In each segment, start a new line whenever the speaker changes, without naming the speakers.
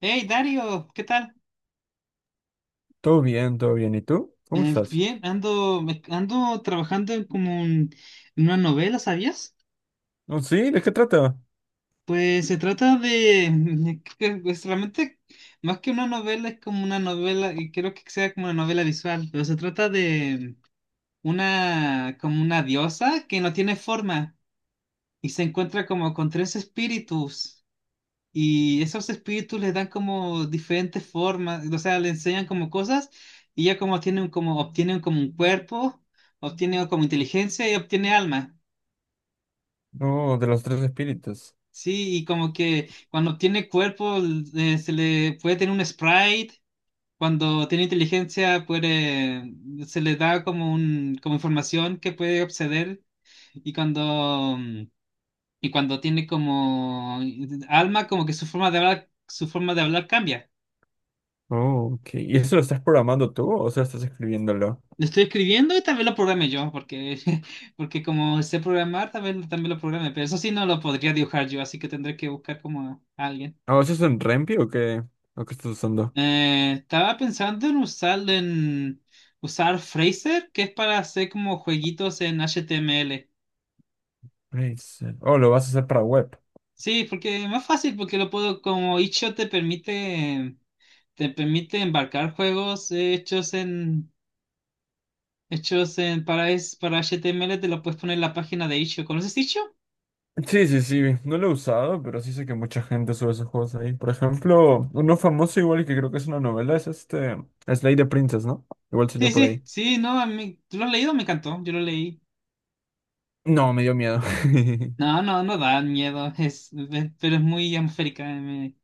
Hey Dario, ¿qué tal?
Todo bien, todo bien. ¿Y tú? ¿Cómo estás?
Bien, ando, ando trabajando en como en una novela, ¿sabías?
Oh, sí, ¿de qué trata?
Pues se trata de, pues realmente más que una novela es como una novela y creo que sea como una novela visual, pero se trata de una como una diosa que no tiene forma y se encuentra como con tres espíritus. Y esos espíritus les dan como diferentes formas, o sea, le enseñan como cosas y ya como tienen como obtienen como un cuerpo, obtienen como inteligencia y obtiene alma.
Oh, de los tres espíritus.
Sí, y como que cuando obtiene cuerpo se le puede tener un sprite, cuando tiene inteligencia puede se le da como un como información que puede acceder y cuando tiene como alma como que su forma de hablar cambia.
Oh, ok. ¿Y eso lo estás programando tú o sea, estás escribiéndolo?
Lo estoy escribiendo y también lo programe yo, porque, porque como sé programar, también lo programe, pero eso sí no lo podría dibujar yo, así que tendré que buscar como a alguien.
Oh, ¿eso es en Rempi o qué? ¿O qué estás usando?
Estaba pensando en usar Fraser, que es para hacer como jueguitos en HTML.
Razer. Oh, lo vas a hacer para web.
Sí, porque es más fácil, porque lo puedo, como itch.io te permite embarcar juegos hechos en, hechos en, para, es- para HTML, te lo puedes poner en la página de itch.io. ¿Conoces itch.io?
Sí, sí, sí. No lo he usado, pero sí sé que mucha gente sube esos juegos ahí. Por ejemplo, uno famoso igual y que creo que es una novela es este Slay the Princess, ¿no? Igual
Sí,
salió por
sí,
ahí.
sí, no, a mí, ¿tú lo has leído? Me encantó, yo lo leí.
No, me dio miedo.
No, no, no da miedo, pero es muy atmosférica, me,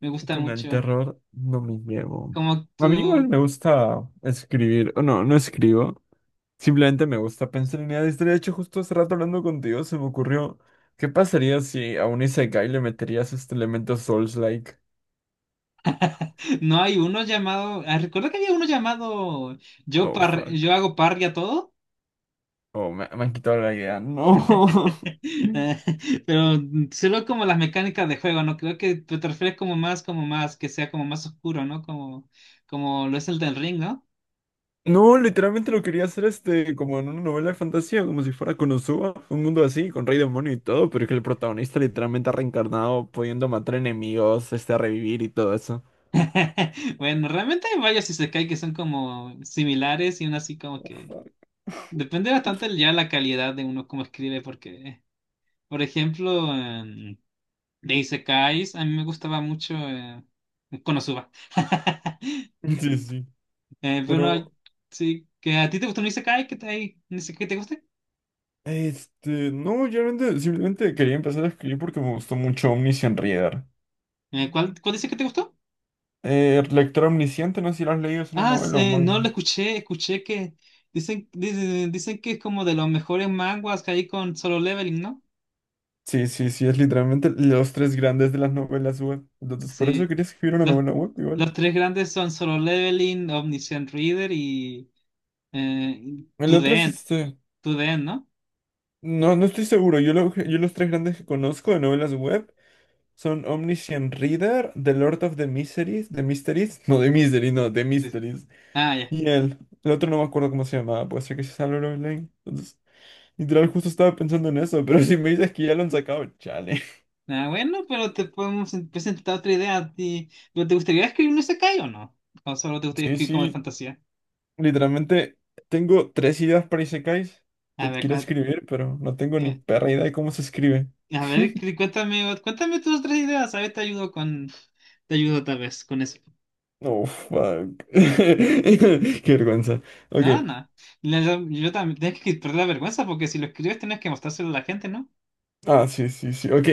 me gusta
Con el
mucho.
terror no me llevo.
Como
A
tú,
mí igual me gusta escribir, o no, no escribo. Simplemente me gusta pensar en ideas. De hecho, justo hace rato hablando contigo se me ocurrió, ¿qué pasaría si a un Isekai le meterías este elemento Souls-like?
no hay uno llamado, ah, recuerdo que había uno llamado Yo,
Oh, fuck.
yo hago parry a todo,
Oh, me han quitado la idea. No.
Eh, pero solo como las mecánicas de juego, ¿no? Creo que te refieres como más, que sea como más oscuro, ¿no? Como, como lo es el del ring, ¿no?
No, literalmente lo quería hacer este, como en una novela de fantasía, como si fuera Konosuba, un mundo así, con rey demonio y todo, pero que el protagonista literalmente ha reencarnado, pudiendo matar enemigos, este, a revivir y todo eso.
Bueno, realmente hay varios isekai que son como similares y uno así como que depende bastante ya la calidad de uno cómo escribe porque, por ejemplo, de isekais a mí me gustaba mucho Konosuba.
Sí, sí.
Pero no,
Pero,
sí, que a ti te gustó un isekai que te, un isekai que te guste.
este, no, yo realmente simplemente quería empezar a escribir porque me gustó mucho Omniscient Reader.
Cuál dice que te gustó?
Lector Omnisciente, no sé si lo has leído, es una
Ah,
novela o
no lo
manga.
escuché, escuché que dicen que es como de los mejores manguas que hay con Solo Leveling, ¿no?
Sí, sí, sí, es literalmente los tres grandes de las novelas web. Entonces, por eso
Sí.
quería escribir una
Los,
novela web igual.
los tres grandes son Solo Leveling, Omniscient Reader y
El
To The
otro es
End.
este,
To The End, ¿no?
no, no estoy seguro, yo, yo los tres grandes que conozco de novelas web son Omniscient Reader, The Lord of the Miseries, The Mysteries, no, The Misery, no, The
Sí.
Mysteries.
Ah, ya.
Y él, el otro no me acuerdo cómo se llamaba, puede ser que se salió Love Lane. Entonces, literal, justo estaba pensando en eso, pero si me dices que ya lo han sacado, chale.
Ah, bueno, pero te podemos presentar otra idea a ti. ¿Pero te gustaría escribir un isekai o no? ¿O solo te gustaría
Sí,
escribir como de
sí,
fantasía?
literalmente tengo tres ideas para Isekais
A
que
ver,
quiero
cua-
escribir, pero no tengo ni
eh,
perra idea de cómo se escribe.
a ver, cuéntame tus otras ideas. A ver, te ayudo tal vez con eso.
Oh, fuck. Qué vergüenza. Ok.
No, no. La- Yo, también, tienes que perder la vergüenza porque si lo escribes tienes que mostrárselo a la gente, ¿no?
Ah, sí, sí, sí. Ok.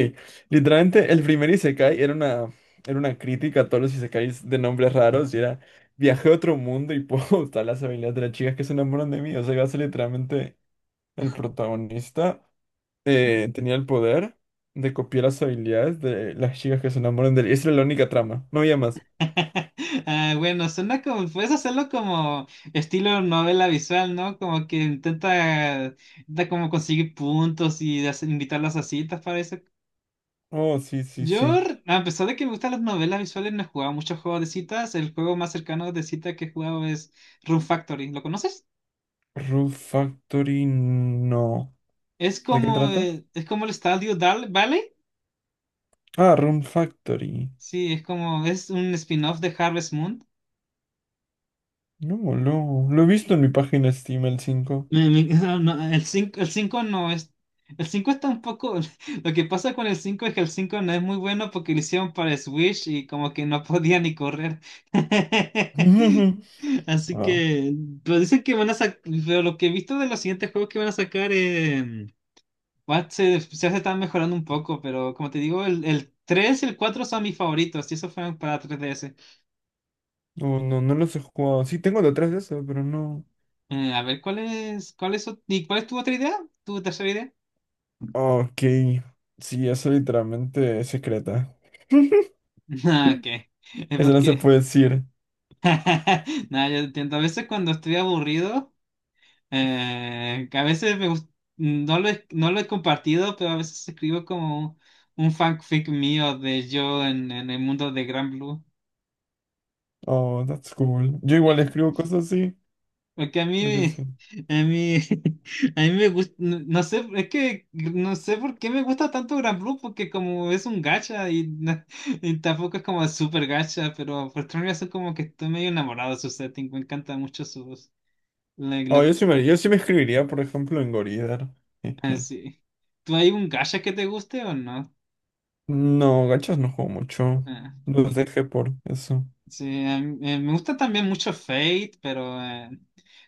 Literalmente, el primer Isekai era una crítica a todos los Isekais de nombres raros y era viajé a otro mundo y puedo usar las habilidades de las chicas que se enamoran de mí. O sea, iba a ser literalmente el protagonista. Tenía el poder de copiar las habilidades de las chicas que se enamoran de él. Esa era la única trama. No había más.
Ah, bueno, suena como, puedes hacerlo como estilo novela visual, ¿no? Como que intenta como conseguir puntos y invitarlas a citas para eso.
Oh, sí, sí, sí.
Yo, a pesar de que me gustan las novelas visuales, no he jugado muchos juegos de citas. El juego más cercano de cita que he jugado es Rune Factory. ¿Lo conoces?
Room Factory, no. ¿De qué trata?
Es como el Estadio Dal Valley.
Ah, Room Factory.
Sí, es como, es un spin-off de Harvest Moon.
No, no. Lo he visto en mi página Steam el 5.
Me- me- no, no, el 5 no es. El 5 está un poco. Lo que pasa con el 5 es que el 5 no es muy bueno porque lo hicieron para Switch y como que no podía ni correr. Así
Ah,
que. Pero dicen que van a sacar. Pero lo que he visto de los siguientes juegos que van a sacar. Se, se están mejorando un poco, pero como te digo, el 3 y el 4 son mis favoritos y esos fueron para 3DS.
no, no, no los he jugado. Sí, tengo detrás de eso, pero no.
A ver, y cuál es tu otra idea? ¿Tu tercera idea?
Ok. Sí, eso literalmente es secreta.
Ah, ok.
Eso no se
Porque
puede decir.
Nada, yo entiendo. A veces cuando estoy aburrido, que a veces no lo he compartido, pero a veces escribo como un fanfic mío de yo en el mundo de Gran Blue.
Oh, that's cool. Yo igual
Eh,
escribo cosas así,
Porque
porque sí.
a mí, a mí me gusta, no, no sé, es que no sé por qué me gusta tanto Gran Blue, porque como es un gacha y, y tampoco es como súper gacha, pero por otra razón como que estoy medio enamorado de su setting, me encanta mucho su voz.
Oh, yo sí me escribiría, por ejemplo, en Goridar.
Ah, sí. ¿Tú hay un gacha que te guste o no?
No, gachas no juego mucho.
Ah,
Los dejé por eso.
sí, me gusta también mucho Fate, pero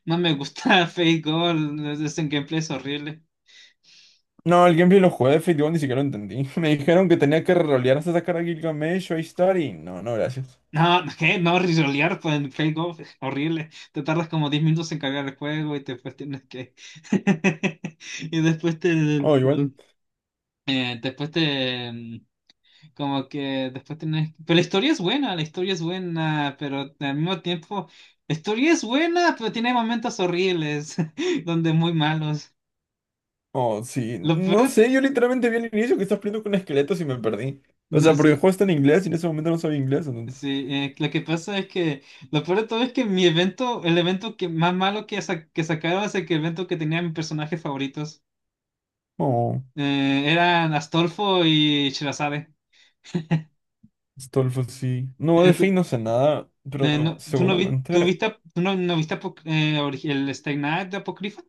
no me gusta Fate Gold. Ese gameplay es horrible.
No, el gameplay lo jugué de Fate Go, ni siquiera lo entendí. Me dijeron que tenía que rolear hasta sacar a Gilgamesh o a Ishtar y no, no, gracias.
No, ¿qué? No, risolear pues, en Fate Gold es horrible. Te tardas como 10 minutos en cargar el juego y después tienes que. Y después te.
Oh, igual.
Después te. Como que después tenés... Pero la historia es buena, la historia es buena, pero al mismo tiempo... La historia es buena, pero tiene momentos horribles, donde muy malos.
Oh, sí.
Lo peor
No
de...
sé, yo literalmente vi al inicio que estás peleando con esqueletos y me perdí. O
no
sea, porque el
sé,
juego está en inglés y en ese momento no sabía inglés, entonces.
sí, lo que pasa es que... Lo peor de todo es que mi evento, el evento que más malo que, que sacaron es evento que tenía mis personajes favoritos.
Oh,
Eran Astolfo y Shirazade.
Stolfo, sí. No, de Fate
Tú,
no sé nada, pero
no, ¿tú no vi- tú
seguramente.
viste, tú no, no viste el Stay Night de Apocrypha?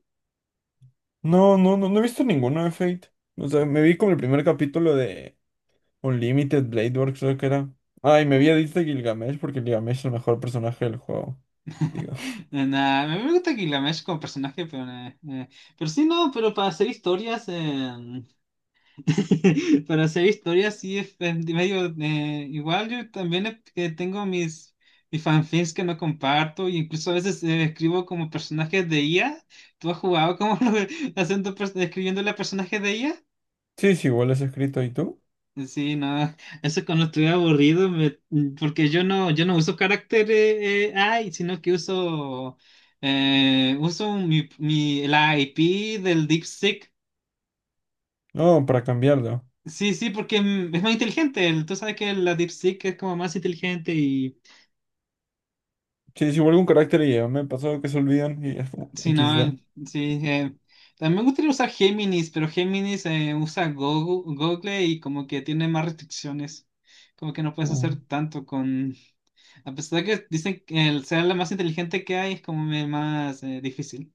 No, no, no, no he visto ninguno de Fate. O sea, me vi como el primer capítulo de Unlimited Blade Works, creo que era. Ay, me vi a Edith de Gilgamesh porque Gilgamesh es el mejor personaje del juego. Digo.
Nah, me gusta Gilgamesh como personaje, pero sí, no, pero para hacer historias, para hacer historias sí es medio igual. Yo también que tengo mis fanfics que no comparto, e incluso a veces escribo como personajes de IA. ¿Tú has jugado como escribiéndole a personajes de IA?
Sí, sí, igual es escrito. ¿Y tú?
Sí, no, eso cuando estoy aburrido, porque yo no, yo no uso carácter AI, sino que uso la IP del DeepSeek.
No, para cambiarlo.
Sí, sí, porque es más inteligente. Tú sabes que la DeepSeek es como más inteligente.
Sí, sí, igual algún carácter y ya me ha pasado que se olvidan y ya,
Sí,
equis de.
no, sí. También me gustaría usar Géminis, pero Géminis usa Google y como que tiene más restricciones. Como que no puedes
Oh.
hacer tanto con... A pesar de que dicen que el ser la más inteligente que hay es como más difícil.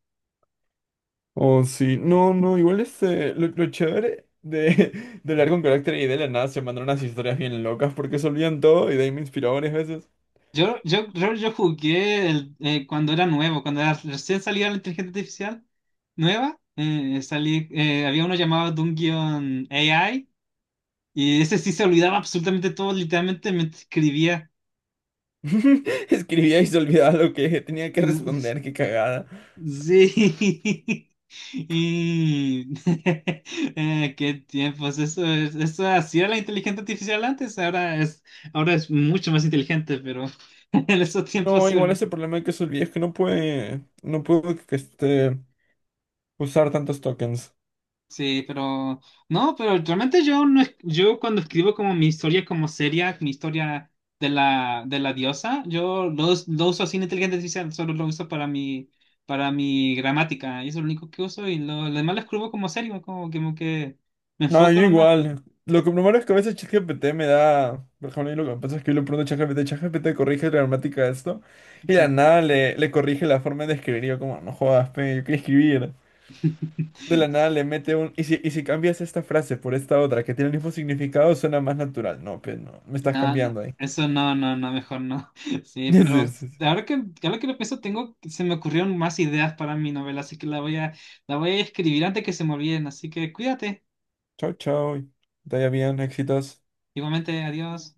Oh, sí, no, no, igual este, lo chévere de, de hablar con carácter y de la nada se mandaron unas historias bien locas porque se olvidan todo y de ahí me inspiró varias veces.
Yo jugué cuando era nuevo, cuando era, recién salía la inteligencia artificial nueva, había uno llamado Dungeon AI y ese sí se olvidaba absolutamente todo, literalmente me escribía.
Escribía y se olvidaba lo que tenía que responder, qué cagada.
Sí. Y qué tiempos. Eso es, eso así era la inteligencia artificial antes, ahora es, mucho más inteligente, pero en esos tiempos
No,
se
igual
olvi-
ese problema de que se olvida es que no puede, no puedo que este, usar tantos tokens.
Sí, pero no, pero realmente yo no es- yo cuando escribo como mi historia como seria, mi historia de la diosa, yo lo uso sin inteligencia artificial, solo lo uso para mi gramática, y eso es lo único que uso y lo demás lo escribo como serio, como, como que me
No,
enfoco
yo
nomás.
igual. Lo que primero es que a veces ChatGPT me da. Por ejemplo, y lo que pasa es que yo le pregunto a ChatGPT, ChatGPT corrige la gramática de esto. Y de la
Sí.
nada le, le corrige la forma de escribir. Y yo, como, no jodas, pe, yo quiero escribir. De la nada le mete un. Y si cambias esta frase por esta otra que tiene el mismo significado, suena más natural. No, pe, no. Me estás
No, no,
cambiando ahí.
eso no, no, no, mejor no. Sí,
Sí,
pero
sí, sí.
ahora que, lo pienso, se me ocurrieron más ideas para mi novela, así que la voy a escribir antes que se me olviden, así que cuídate.
Chau, chau. Te vaya bien, éxitos.
Igualmente, adiós.